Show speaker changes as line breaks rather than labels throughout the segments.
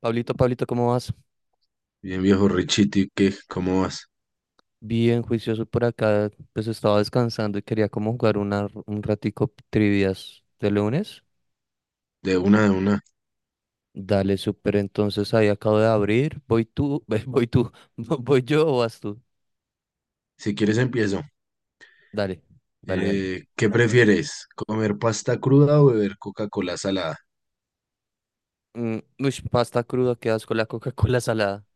Pablito, Pablito, ¿cómo vas?
Bien, viejo Richiti, ¿qué? ¿Cómo vas?
Bien juicioso por acá, pues estaba descansando y quería como jugar un ratico trivias de lunes.
De una, de una.
Dale, súper, entonces ahí acabo de abrir, voy tú, voy tú, voy yo o vas tú.
Si quieres empiezo.
Dale, dale, dale.
¿Qué prefieres? ¿Comer pasta cruda o beber Coca-Cola salada?
Mm, ush, pasta cruda, qué asco la Coca-Cola salada.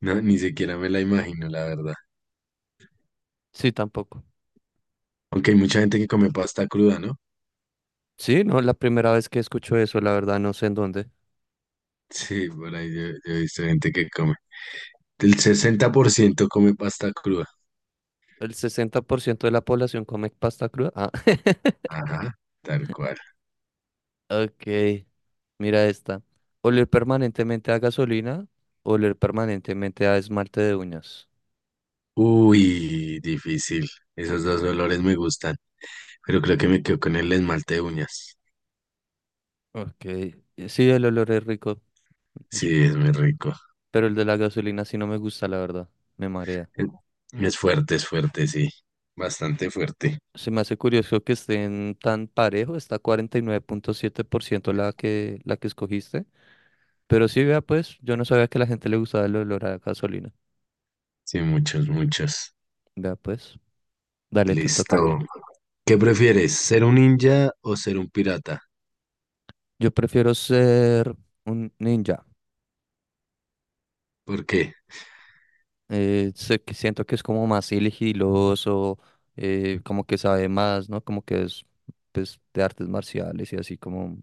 No, ni siquiera me la imagino, la verdad.
Sí, tampoco.
Aunque hay mucha gente que come pasta cruda, ¿no?
Sí, no, la primera vez que escucho eso, la verdad, no sé en dónde.
Sí, por ahí yo he visto gente que come. El 60% come pasta cruda.
El 60% de la población come pasta cruda. Ah.
Ajá, tal cual.
Ok, mira esta. Oler permanentemente a gasolina, oler permanentemente a esmalte de uñas.
Uy, difícil. Esos dos olores me gustan, pero creo que me quedo con el esmalte de uñas.
Ok, sí, el olor es rico, es-
Sí, es muy rico.
pero el de la gasolina sí no me gusta, la verdad, me marea.
En- es fuerte, sí. Bastante fuerte.
Se me hace curioso que estén tan parejo, está 49.7% la que escogiste. Pero sí, vea pues, yo no sabía que a la gente le gustaba el olor a gasolina.
Sí, muchos, muchos.
Vea pues, dale, te toca.
Listo. ¿Qué prefieres? ¿Ser un ninja o ser un pirata?
Yo prefiero ser un ninja.
¿Por qué?
Sé que siento que es como más sigiloso, como que sabe más, ¿no? Como que es pues, de artes marciales y así como,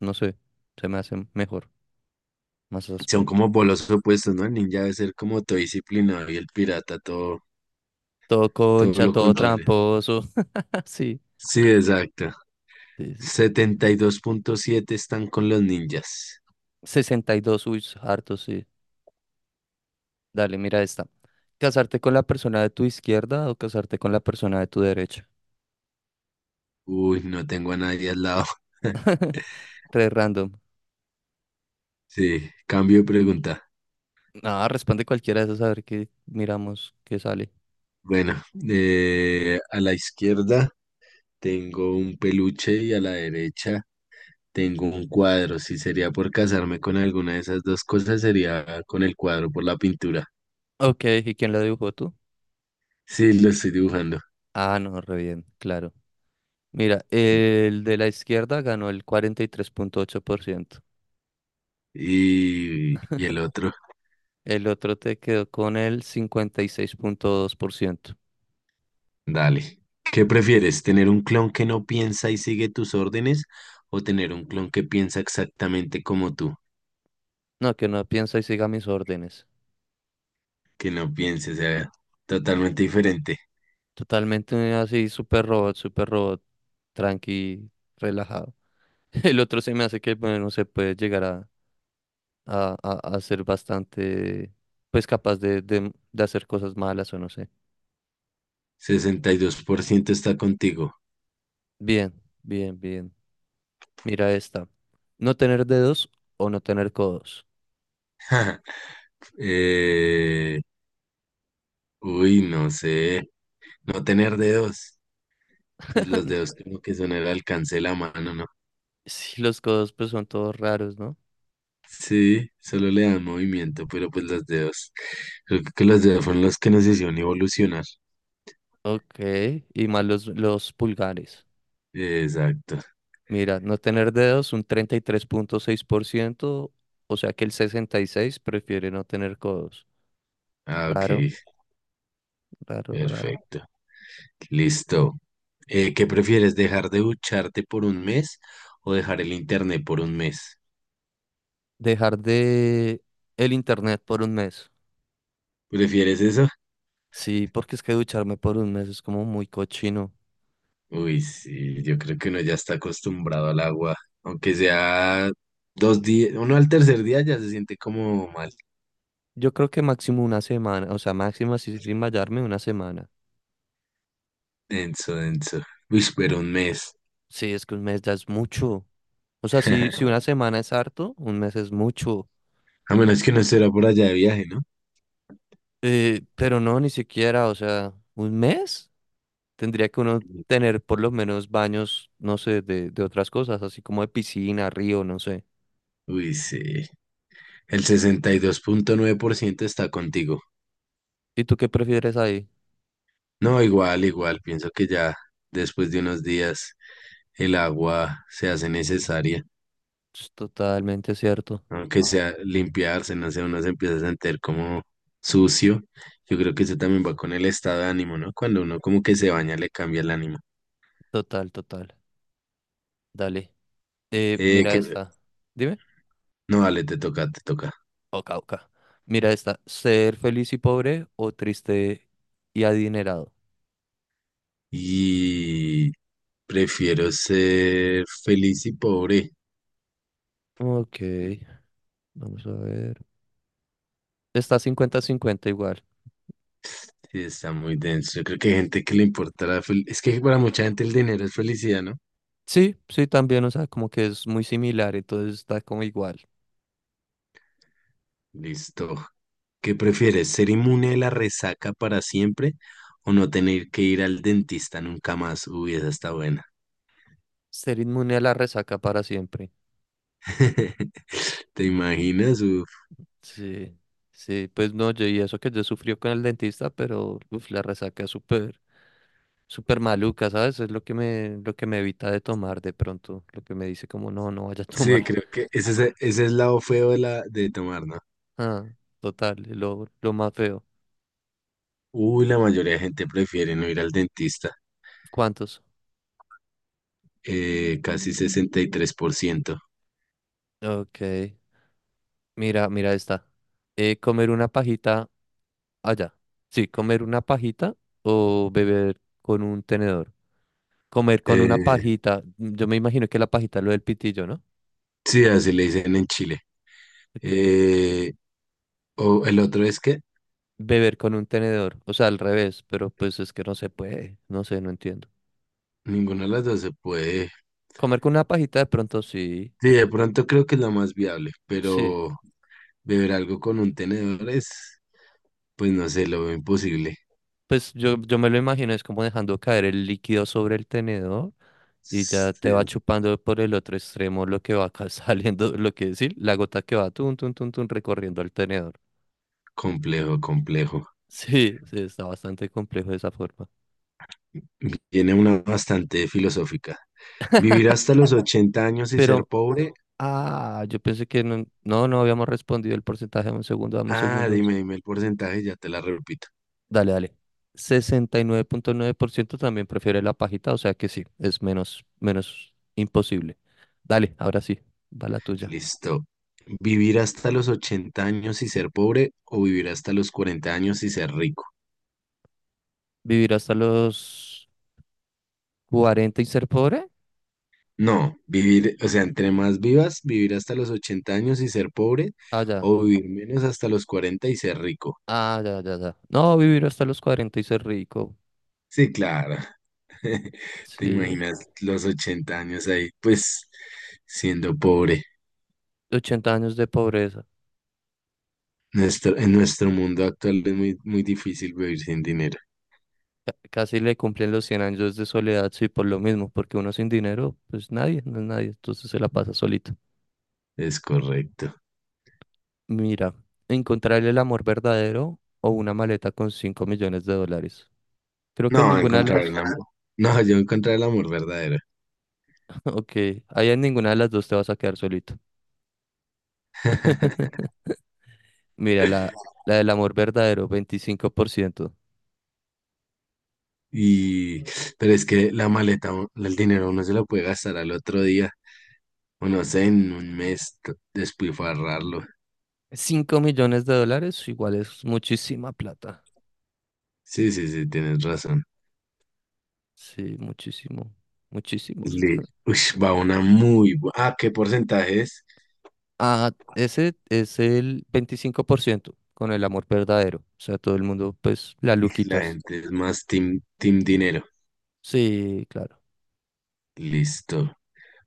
no sé, se me hace mejor, más
Son
áspero.
como polos opuestos, ¿no? El ninja debe ser como todo disciplinado y el pirata
Todo
todo
concha,
lo
todo
contrario.
tramposo, sí,
Sí, exacto.
sí, sí.
72,7 están con los ninjas.
62, uy, harto, sí. Dale, mira esta. ¿Casarte con la persona de tu izquierda o casarte con la persona de tu derecha?
Uy, no tengo a nadie al lado.
Tres random.
Sí, cambio de pregunta.
Ah, responde cualquiera de esas a ver qué miramos, qué sale.
Bueno, a la izquierda. Tengo un peluche y a la derecha tengo un cuadro. Si sería por casarme con alguna de esas dos cosas, sería con el cuadro por la pintura.
Ok, ¿y quién la dibujó tú?
Sí, lo estoy dibujando.
Ah, no, re bien, claro. Mira, el de la izquierda ganó el 43.8%.
Y el otro,
El otro te quedó con el 56.2%.
dale. ¿Qué prefieres? ¿Tener un clon que no piensa y sigue tus órdenes o tener un clon que piensa exactamente como tú?
No, que no piensa y siga mis órdenes.
Que no piense, o sea, totalmente diferente.
Totalmente así, super robot, tranqui, relajado. El otro se me hace que, bueno, se puede llegar a ser bastante, pues capaz de hacer cosas malas o no sé.
62% está contigo.
Bien, bien, bien. Mira esta. No tener dedos o no tener codos.
Eh, uy, no sé. No tener dedos. Pues los dedos como que son el alcance de la mano, ¿no?
Sí, los codos pues son todos raros, ¿no?
Sí, solo le dan movimiento, pero pues los dedos. Creo que los dedos fueron los que nos hicieron evolucionar.
Ok, y más los pulgares.
Exacto.
Mira, no tener dedos un 33.6%, o sea que el 66% prefiere no tener codos.
Ah, ok.
Raro, raro, raro.
Perfecto. Listo. ¿Qué prefieres, dejar de ducharte por un mes o dejar el internet por un mes?
Dejar de el internet por un mes.
¿Prefieres eso?
Sí, porque es que ducharme por un mes es como muy cochino.
Uy, sí, yo creo que uno ya está acostumbrado al agua. Aunque sea 2 días, uno al tercer día ya se siente como mal.
Yo creo que máximo una semana, o sea, máximo así sin bañarme una semana.
Denso, denso. Uy, pero un mes.
Sí, es que un mes ya es mucho. O sea, si una semana es harto, un mes es mucho.
A menos que no será por allá de viaje, ¿no?
Pero no, ni siquiera, o sea, un mes tendría que uno tener por lo menos baños, no sé, de otras cosas, así como de piscina, río, no sé.
Uy, sí. El 62,9% está contigo.
¿Y tú qué prefieres ahí?
No, igual, igual. Pienso que ya después de unos días el agua se hace necesaria.
Es totalmente cierto.
Aunque sea limpiarse, no sé, uno se empieza a sentir como sucio. Yo creo que eso también va con el estado de ánimo, ¿no? Cuando uno como que se baña, le cambia el ánimo.
Total, total. Dale. Eh,
Eh,
mira
que...
esta. Dime.
No, vale, te toca, te toca.
Oca, oca. Mira esta. ¿Ser feliz y pobre o triste y adinerado?
Y prefiero ser feliz y pobre.
Ok, vamos a ver. Está 50-50 igual.
Sí, está muy denso. Yo creo que hay gente que le importa Es que para mucha gente el dinero es felicidad, ¿no?
Sí, sí, también, o sea, como que es muy similar, entonces está como igual.
Listo. ¿Qué prefieres? ¿Ser inmune a la resaca para siempre o no tener que ir al dentista nunca más? Uy, esa está buena.
Ser inmune a la resaca para siempre.
¿Te imaginas? Uf.
Sí, sí, pues no, yo y eso que yo sufrió con el dentista, pero uf, la resaca es súper, súper maluca, ¿sabes? Es lo que me evita de tomar de pronto, lo que me dice como no, no vaya a tomar.
Sí, creo que ese es el lado feo de tomar, ¿no?
Ah, total, lo más feo.
Uy, la mayoría de gente prefiere no ir al dentista.
¿Cuántos?
Casi 63%.
Ok, mira esta. Comer una pajita allá. Sí, comer una pajita o beber con un tenedor. Comer con una
Eh,
pajita, yo me imagino que la pajita es lo del pitillo, ¿no?
sí, así le dicen en Chile.
Ok.
Eh, o el otro es que
Beber con un tenedor, o sea, al revés, pero pues es que no se puede, no sé, no entiendo.
ninguna de las dos se puede.
Comer con una pajita de pronto sí,
Sí, de pronto creo que es la más viable,
sí.
pero beber algo con un tenedor es, pues no sé, lo veo imposible.
Pues yo me lo imagino, es como dejando caer el líquido sobre el tenedor y ya te va
Sí,
chupando por el otro extremo lo que va acá saliendo, lo que decir, la gota que va tun, tun, tun, tun, recorriendo el tenedor.
complejo, complejo.
Sí, sí, está bastante complejo de esa forma.
Tiene una bastante filosófica. Vivir hasta los 80 años y ser
Pero,
pobre.
ah, yo pensé que no, no, no habíamos respondido el porcentaje, dame un segundo, dame un
Ah,
segundo.
dime, dime el porcentaje, ya te la repito.
Dale, dale. 69.9% también prefiere la pajita, o sea que sí, es menos, menos imposible. Dale, ahora sí, va la tuya.
Listo. ¿Vivir hasta los 80 años y ser pobre o vivir hasta los 40 años y ser rico?
¿Vivir hasta los 40 y ser pobre?
No, vivir, o sea, entre más vivas, vivir hasta los 80 años y ser pobre,
Ah, ya.
o vivir menos hasta los 40 y ser rico.
Ah, ya, ya, ya. No, vivir hasta los 40 y ser rico.
Sí, claro. ¿Te
Sí.
imaginas los 80 años ahí, pues, siendo pobre?
80 años de pobreza.
En nuestro mundo actual es muy, muy difícil vivir sin dinero.
Casi le cumplen los 100 años de soledad, sí, por lo mismo, porque uno sin dinero, pues nadie, no es nadie, entonces se la pasa solito.
Es correcto.
Mira, encontrar el amor verdadero o una maleta con 5 millones de dólares. Creo que en
No,
ninguna de
encontrar el
las...
amor. No, yo encontrar el amor verdadero.
Ok, ahí en ninguna de las dos te vas a quedar solito. Mira, la del amor verdadero, 25%.
Y, pero es que la maleta, el dinero uno se lo puede gastar al otro día, o no sé, en un mes, despilfarrarlo.
5 millones de dólares igual es muchísima plata.
Sí, sí, sí, tienes razón.
Sí, muchísimo, muchísimos.
Le, va una muy buena. Ah, ¿qué porcentaje es?
Ah, ese es el 25% con el amor verdadero. O sea, todo el mundo, pues, la
La
luquitas.
gente es más team, team dinero.
Sí, claro.
Listo.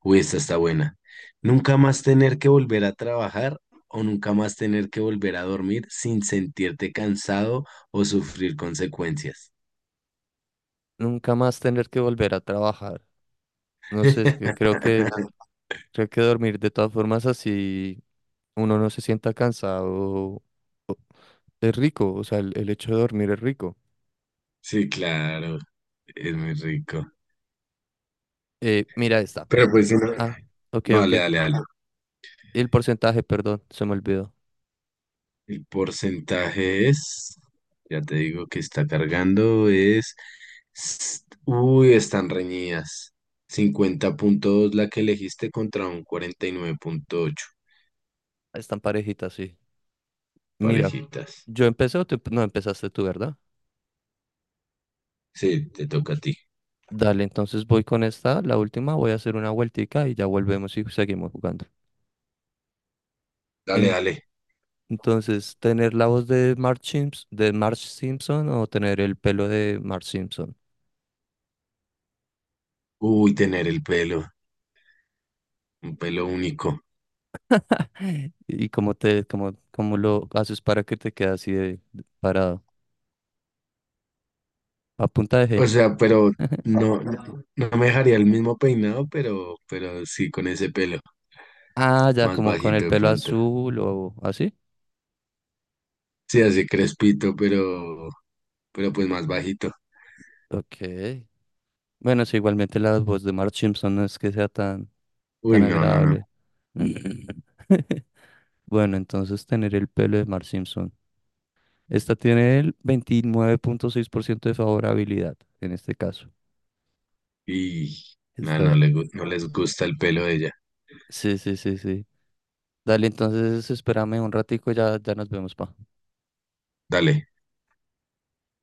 Uy, esta está buena. Nunca más tener que volver a trabajar o nunca más tener que volver a dormir sin sentirte cansado o sufrir consecuencias.
Nunca más tener que volver a trabajar. No sé, es que creo que dormir de todas formas así uno no se sienta cansado o- es rico, o sea, el hecho de dormir es rico.
Sí, claro, es muy rico.
Mira esta.
Pero pues, si no,
Ah, ok,
no,
ok.
dale, dale, dale.
El porcentaje, perdón, se me olvidó.
El porcentaje es, ya te digo que está cargando, es, uy, están reñidas. 50,2 la que elegiste contra un 49,8
Están parejitas, sí. Mira,
parejitas.
yo empecé o tú no empezaste tú, ¿verdad?
Sí, te toca a ti.
Dale, entonces voy con esta, la última, voy a hacer una vueltica y ya volvemos y seguimos jugando.
Dale,
En-
dale.
entonces, ¿tener la voz de Marge Simpson o tener el pelo de Marge Simpson?
Uy, tener el pelo, un pelo único.
¿Y cómo te, cómo lo haces para que te quede así de parado? A punta de
O
gel.
sea, pero no, no, no me dejaría el mismo peinado, pero sí con ese pelo,
Ah, ya
más
como con el
bajito de
pelo
pronto.
azul o así.
Sí, así crespito, pero pues más bajito.
Ok. Bueno, sí, igualmente la voz de Marge Simpson no es que sea tan,
Uy,
tan
no, no, no.
agradable. Bueno, entonces tener el pelo de Marge Simpson. Esta tiene el 29.6% de favorabilidad en este caso.
Y no, no,
Esta,
no les gusta el pelo de ella.
sí, sí, sí, sí. Dale, entonces espérame un ratico ya, ya nos vemos, pa.
Dale.